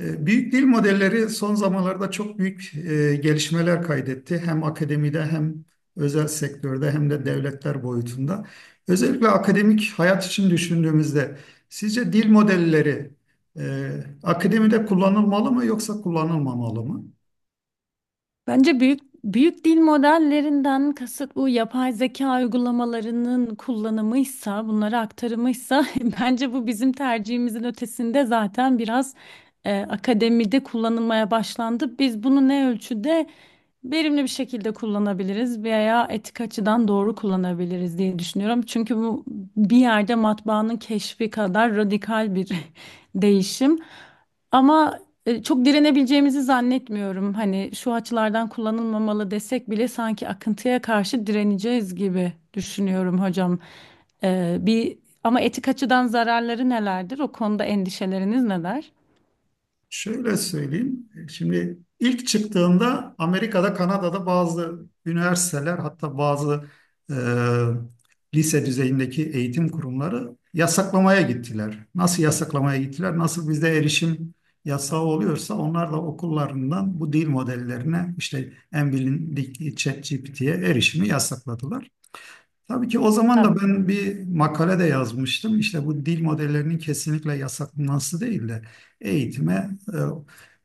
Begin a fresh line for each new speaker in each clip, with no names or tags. Büyük dil modelleri son zamanlarda çok büyük gelişmeler kaydetti. Hem akademide hem özel sektörde hem de devletler boyutunda. Özellikle akademik hayat için düşündüğümüzde sizce dil modelleri e, akademide kullanılmalı mı yoksa kullanılmamalı mı?
Bence büyük dil modellerinden kasıt bu yapay zeka uygulamalarının kullanımıysa, bunlara aktarımıysa bence bu bizim tercihimizin ötesinde zaten biraz akademide kullanılmaya başlandı. Biz bunu ne ölçüde verimli bir şekilde kullanabiliriz veya etik açıdan doğru kullanabiliriz diye düşünüyorum. Çünkü bu bir yerde matbaanın keşfi kadar radikal bir değişim. Ama çok direnebileceğimizi zannetmiyorum. Hani şu açılardan kullanılmamalı desek bile sanki akıntıya karşı direneceğiz gibi düşünüyorum hocam. E, bir ama etik açıdan zararları nelerdir? O konuda endişeleriniz neler?
Şöyle söyleyeyim. Şimdi ilk çıktığında Amerika'da, Kanada'da bazı üniversiteler hatta bazı e, lise düzeyindeki eğitim kurumları yasaklamaya gittiler. Nasıl yasaklamaya gittiler? Nasıl bizde erişim yasağı oluyorsa onlar da okullarından bu dil modellerine işte en bilindik ChatGPT'ye erişimi yasakladılar. Tabii ki o zaman
Tabii.
da ben bir makale de yazmıştım. İşte bu dil modellerinin kesinlikle yasaklanması değil de eğitime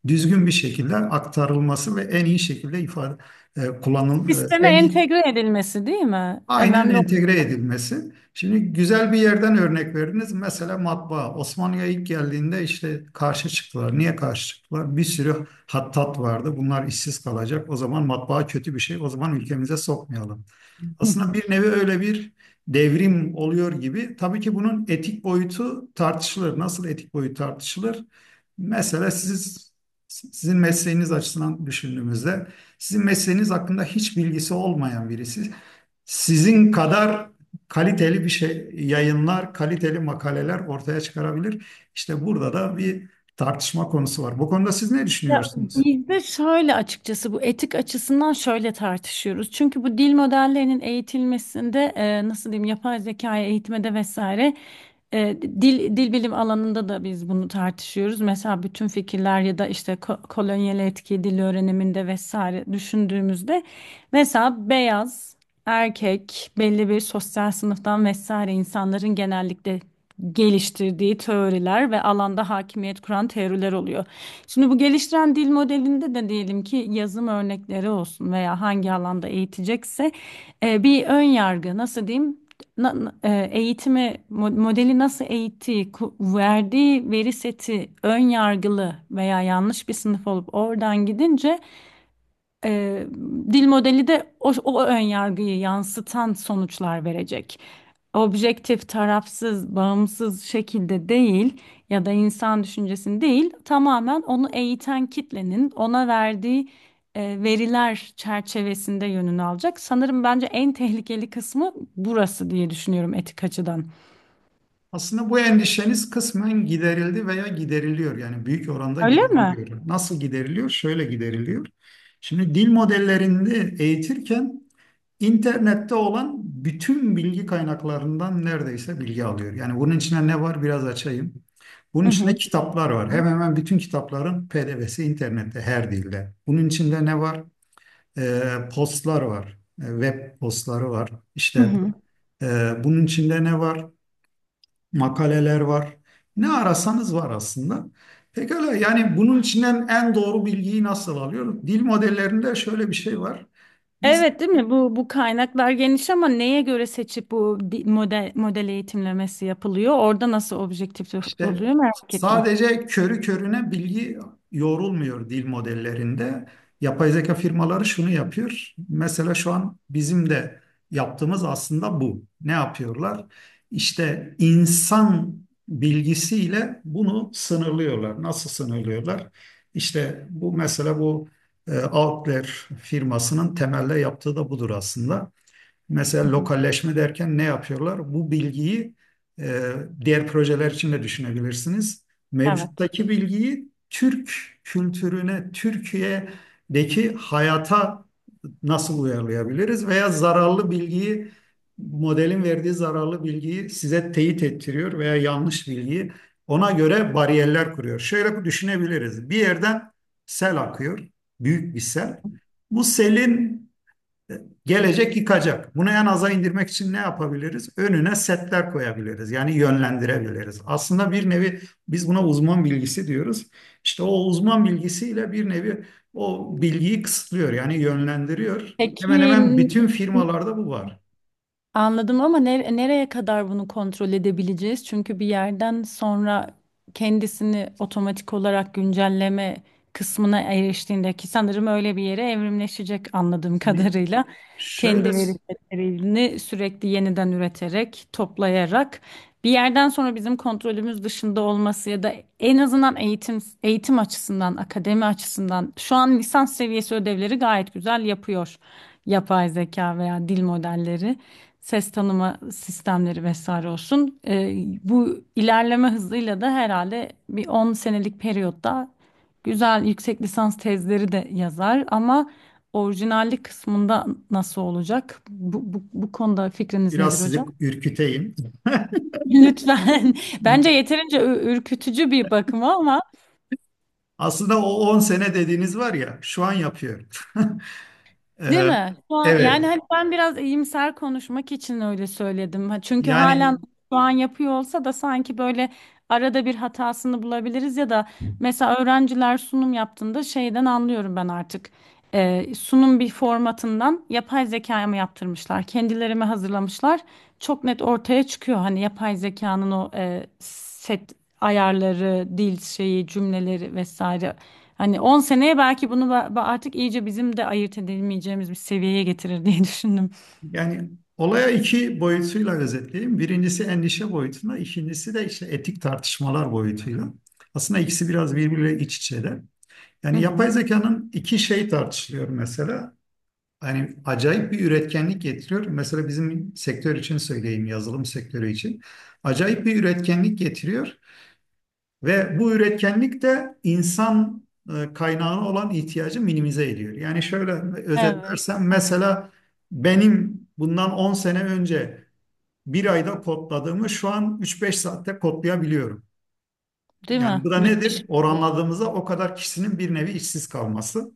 düzgün bir şekilde aktarılması ve en iyi şekilde ifade e, kullanıl e,
Sisteme
en iyi
entegre edilmesi değil mi?
aynen
Önemli.
entegre edilmesi. Şimdi güzel bir yerden örnek verdiniz. Mesela matbaa. Osmanlı'ya ilk geldiğinde işte karşı çıktılar. Niye karşı çıktılar? Bir sürü hattat vardı. Bunlar işsiz kalacak. O zaman matbaa kötü bir şey. O zaman ülkemize sokmayalım. Aslında bir nevi öyle bir devrim oluyor gibi. Tabii ki bunun etik boyutu tartışılır. Nasıl etik boyut tartışılır? Mesela siz sizin mesleğiniz açısından düşündüğümüzde sizin mesleğiniz hakkında hiç bilgisi olmayan birisi sizin kadar kaliteli bir şey yayınlar, kaliteli makaleler ortaya çıkarabilir. İşte burada da bir tartışma konusu var. Bu konuda siz ne
Ya
düşünüyorsunuz?
bizde şöyle açıkçası bu etik açısından şöyle tartışıyoruz. Çünkü bu dil modellerinin eğitilmesinde nasıl diyeyim yapay zekaya eğitmede vesaire dil bilim alanında da biz bunu tartışıyoruz. Mesela bütün fikirler ya da işte kolonyal etki dil öğreniminde vesaire düşündüğümüzde mesela beyaz erkek belli bir sosyal sınıftan vesaire insanların genellikle geliştirdiği teoriler ve alanda hakimiyet kuran teoriler oluyor. Şimdi bu geliştiren dil modelinde de diyelim ki yazım örnekleri olsun veya hangi alanda eğitecekse bir ön yargı nasıl diyeyim modeli nasıl eğittiği verdiği veri seti ön yargılı veya yanlış bir sınıf olup oradan gidince Eee, dil modeli de o ön yargıyı yansıtan sonuçlar verecek. Objektif, tarafsız, bağımsız şekilde değil ya da insan düşüncesini değil, tamamen onu eğiten kitlenin ona verdiği veriler çerçevesinde yönünü alacak. Sanırım bence en tehlikeli kısmı burası diye düşünüyorum etik açıdan.
Aslında bu endişeniz kısmen giderildi veya gideriliyor. Yani büyük oranda
Öyle mi?
gideriliyor. Nasıl gideriliyor? Şöyle gideriliyor. Şimdi dil modellerini eğitirken İnternette olan bütün bilgi kaynaklarından neredeyse bilgi alıyor. Yani bunun içine ne var biraz açayım. Bunun
Hı
içinde
hı.
kitaplar var. Hemen hemen bütün kitapların PDF'si internette her dilde. Bunun içinde ne var? Ee, postlar var. Web postları var.
Hı
İşte
hı.
bunun içinde ne var? Makaleler var. Ne arasanız var aslında. Pekala yani bunun içinden en doğru bilgiyi nasıl alıyoruz? Dil modellerinde şöyle bir şey var. Biz
Evet, değil mi? Bu kaynaklar geniş ama neye göre seçip bu model eğitimlemesi yapılıyor? Orada nasıl objektif
İşte
oluyor merak ettim.
sadece körü körüne bilgi yoğrulmuyor dil modellerinde. Yapay zeka firmaları şunu yapıyor. Mesela şu an bizim de yaptığımız aslında bu. Ne yapıyorlar? İşte insan bilgisiyle bunu sınırlıyorlar. Nasıl sınırlıyorlar? İşte bu mesela bu Outlier firmasının temelde yaptığı da budur aslında.
Hı
Mesela
hı.
lokalleşme derken ne yapıyorlar? Bu bilgiyi e, diğer projeler için de düşünebilirsiniz.
Evet.
Mevcuttaki bilgiyi Türk kültürüne, Türkiye'deki hayata nasıl uyarlayabiliriz? Veya zararlı bilgiyi, modelin verdiği zararlı bilgiyi size teyit ettiriyor veya yanlış bilgiyi ona göre bariyerler kuruyor. Şöyle düşünebiliriz. Bir yerden sel akıyor, büyük bir sel. Bu selin gelecek yıkacak. Bunu en aza indirmek için ne yapabiliriz? Önüne setler koyabiliriz. Yani yönlendirebiliriz. Aslında bir nevi biz buna uzman bilgisi diyoruz. İşte o uzman bilgisiyle bir nevi o bilgiyi kısıtlıyor. Yani yönlendiriyor.
Peki,
Hemen hemen bütün firmalarda bu var.
anladım ama nereye kadar bunu kontrol edebileceğiz? Çünkü bir yerden sonra kendisini otomatik olarak güncelleme kısmına eriştiğinde ki sanırım öyle bir yere evrimleşecek anladığım
Hani
kadarıyla.
şöyle
Kendi veri setlerini sürekli yeniden üreterek, toplayarak bir yerden sonra bizim kontrolümüz dışında olması ya da en azından eğitim açısından, akademi açısından şu an lisans seviyesi ödevleri gayet güzel yapıyor yapay zeka veya dil modelleri ses tanıma sistemleri vesaire olsun. Bu ilerleme hızıyla da herhalde bir 10 senelik periyotta güzel yüksek lisans tezleri de yazar ama orijinallik kısmında nasıl olacak? Bu konuda fikriniz nedir
biraz sizi
hocam?
ürküteyim.
Lütfen. Bence yeterince ürkütücü bir bakıma ama.
Aslında o 10 sene dediğiniz var ya şu an yapıyor.
Değil
Ee,
mi? Şu an, yani
evet.
hani ben biraz iyimser konuşmak için öyle söyledim. Ha, çünkü halen
Yani
şu an yapıyor olsa da sanki böyle arada bir hatasını bulabiliriz ya da mesela öğrenciler sunum yaptığında şeyden anlıyorum ben artık. Sunum bir formatından yapay zekaya mı yaptırmışlar, kendileri mi hazırlamışlar? Çok net ortaya çıkıyor hani yapay zekanın o set ayarları, dil şeyi, cümleleri vesaire. Hani 10 seneye belki bunu artık iyice bizim de ayırt edemeyeceğimiz bir seviyeye getirir diye düşündüm.
Yani olaya iki boyutuyla özetleyeyim. Birincisi endişe boyutuna, ikincisi de işte etik tartışmalar boyutuyla. Aslında ikisi biraz birbiriyle iç içeler.
Hı
Yani yapay
hı.
zekanın iki şey tartışılıyor mesela. Yani acayip bir üretkenlik getiriyor. Mesela bizim sektör için söyleyeyim, yazılım sektörü için. Acayip bir üretkenlik getiriyor. Ve bu üretkenlik de insan kaynağına olan ihtiyacı minimize ediyor. Yani şöyle
Evet.
özetlersem
Evet.
mesela benim bundan 10 sene önce bir ayda kodladığımı şu an üç beş saatte kodlayabiliyorum.
Değil mi?
Yani bu da nedir?
Müthiş.
Oranladığımızda o kadar kişinin bir nevi işsiz kalması.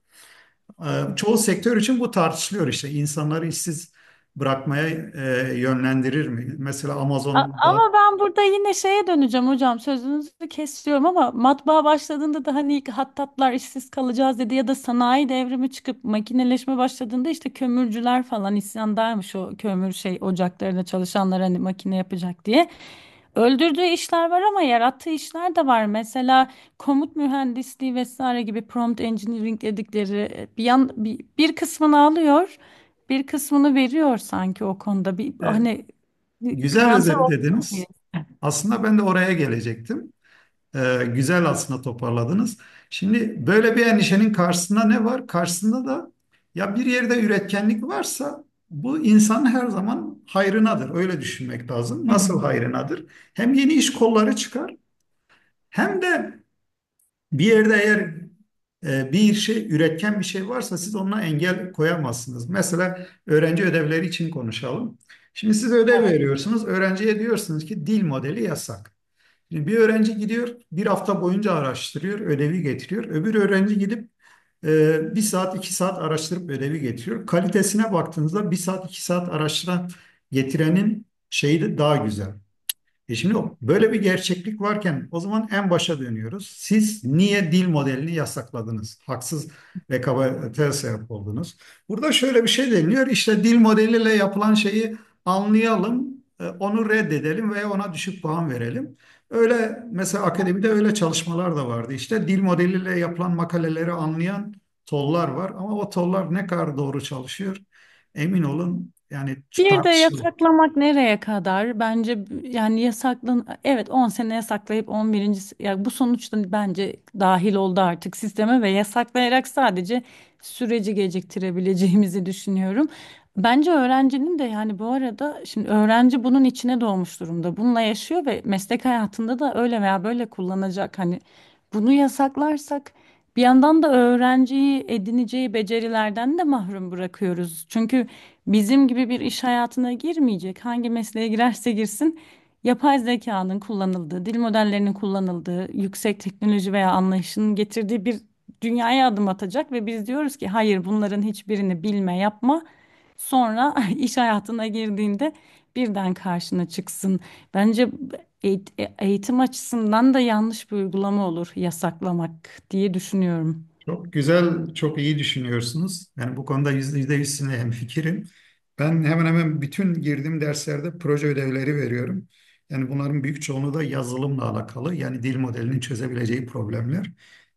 Çoğu sektör için bu tartışılıyor işte. İnsanları işsiz bırakmaya yönlendirir mi? Mesela
A-
Amazon'da
Ama ben burada yine şeye döneceğim hocam, sözünüzü kesiyorum ama matbaa başladığında da hani ilk hattatlar işsiz kalacağız dedi ya da sanayi devrimi çıkıp makineleşme başladığında işte kömürcüler falan isyandaymış o kömür şey ocaklarında çalışanlar hani makine yapacak diye. Öldürdüğü işler var ama yarattığı işler de var. Mesela komut mühendisliği vesaire gibi prompt engineering dedikleri bir kısmını alıyor, bir kısmını veriyor sanki o konuda. Bir
e,
hani
güzel
karamsar.
özetlediniz.
Yes.
Aslında ben de oraya gelecektim. Güzel aslında toparladınız. Şimdi böyle bir endişenin karşısında ne var? Karşısında da ya bir yerde üretkenlik varsa bu insanın her zaman hayrınadır. Öyle düşünmek lazım.
Hı
Nasıl
hı.
hayrınadır? Hem yeni iş kolları çıkar hem de bir yerde eğer bir şey üretken bir şey varsa siz ona engel koyamazsınız. Mesela öğrenci ödevleri için konuşalım. Şimdi siz ödev veriyorsunuz. Öğrenciye diyorsunuz ki dil modeli yasak. Şimdi bir öğrenci gidiyor, bir hafta boyunca araştırıyor, ödevi getiriyor. Öbür öğrenci gidip bir saat, iki saat araştırıp ödevi getiriyor. Kalitesine baktığınızda bir saat, iki saat araştıran getirenin şeyi de daha güzel. Böyle bir gerçeklik varken o zaman en başa dönüyoruz. Siz niye dil modelini yasakladınız? Haksız rekabete sebep oldunuz. Burada şöyle bir şey deniliyor. İşte dil modeliyle yapılan şeyi anlayalım, onu reddedelim veya ona düşük puan verelim. Öyle mesela akademide öyle çalışmalar da vardı. İşte dil modeliyle yapılan makaleleri anlayan tollar var ama o tollar ne kadar doğru çalışıyor emin olun yani
Bir de
tartışılır.
yasaklamak nereye kadar? Bence yani yasaklan evet 10 sene yasaklayıp 11. Ya bu sonuçta bence dahil oldu artık sisteme ve yasaklayarak sadece süreci geciktirebileceğimizi düşünüyorum. Bence öğrencinin de yani bu arada şimdi öğrenci bunun içine doğmuş durumda. Bununla yaşıyor ve meslek hayatında da öyle veya böyle kullanacak. Hani bunu yasaklarsak bir yandan da öğrenciyi edineceği becerilerden de mahrum bırakıyoruz. Çünkü bizim gibi bir iş hayatına girmeyecek. Hangi mesleğe girerse girsin, yapay zekanın kullanıldığı, dil modellerinin kullanıldığı, yüksek teknoloji veya anlayışının getirdiği bir dünyaya adım atacak ve biz diyoruz ki hayır, bunların hiçbirini bilme, yapma. Sonra iş hayatına girdiğinde birden karşına çıksın. Bence eğitim açısından da yanlış bir uygulama olur yasaklamak diye düşünüyorum.
Çok güzel, çok iyi düşünüyorsunuz. Yani bu konuda yüzde yüz sizinle hemfikirim. Ben hemen hemen bütün girdiğim derslerde proje ödevleri veriyorum. Yani bunların büyük çoğunluğu da yazılımla alakalı. Yani dil modelinin çözebileceği problemler.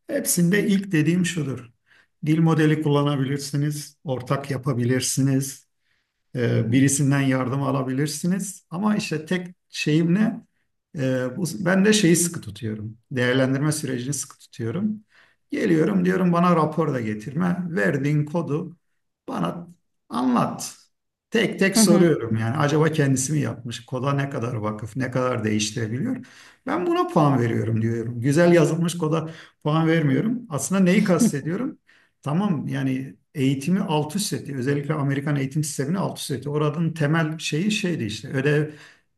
Hepsinde ilk dediğim şudur. Dil modeli kullanabilirsiniz, ortak yapabilirsiniz.
Hı hı.
Birisinden yardım alabilirsiniz. Ama işte tek şeyim ne? Ben de şeyi sıkı tutuyorum. Değerlendirme sürecini sıkı tutuyorum. Geliyorum diyorum bana rapor da getirme. Verdiğin kodu bana anlat. Tek tek
Hı hı.
soruyorum yani acaba kendisi mi yapmış? Koda ne kadar vakıf, ne kadar değiştirebiliyor? Ben buna puan veriyorum diyorum. Güzel yazılmış koda puan vermiyorum. Aslında neyi kastediyorum? Tamam yani eğitimi alt üst etti. Özellikle Amerikan eğitim sistemini alt üst etti. Oranın temel şeyi şeydi işte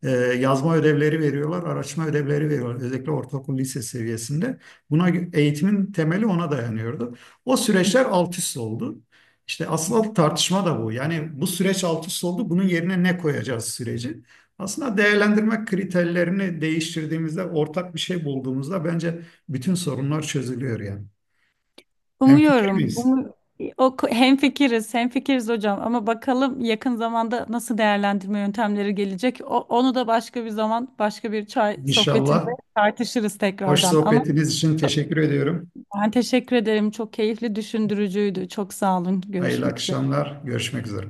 e, yazma ödevleri veriyorlar, araştırma ödevleri veriyorlar. Özellikle ortaokul lise seviyesinde. Eğitimin temeli ona dayanıyordu. O süreçler alt üst oldu. İşte asıl tartışma da bu. Yani bu süreç alt üst oldu. Bunun yerine ne koyacağız süreci? Aslında değerlendirme kriterlerini değiştirdiğimizde, ortak bir şey bulduğumuzda bence bütün sorunlar çözülüyor yani. Hemfikir
Umuyorum.
miyiz?
O, hemfikiriz, hemfikiriz hocam, ama bakalım yakın zamanda nasıl değerlendirme yöntemleri gelecek. O, onu da başka bir zaman, başka bir çay sohbetinde
İnşallah.
tartışırız
Hoş
tekrardan. Ama
sohbetiniz için teşekkür ediyorum.
ben teşekkür ederim. Çok keyifli, düşündürücüydü. Çok sağ olun.
Hayırlı
Görüşmek üzere.
akşamlar. Görüşmek üzere.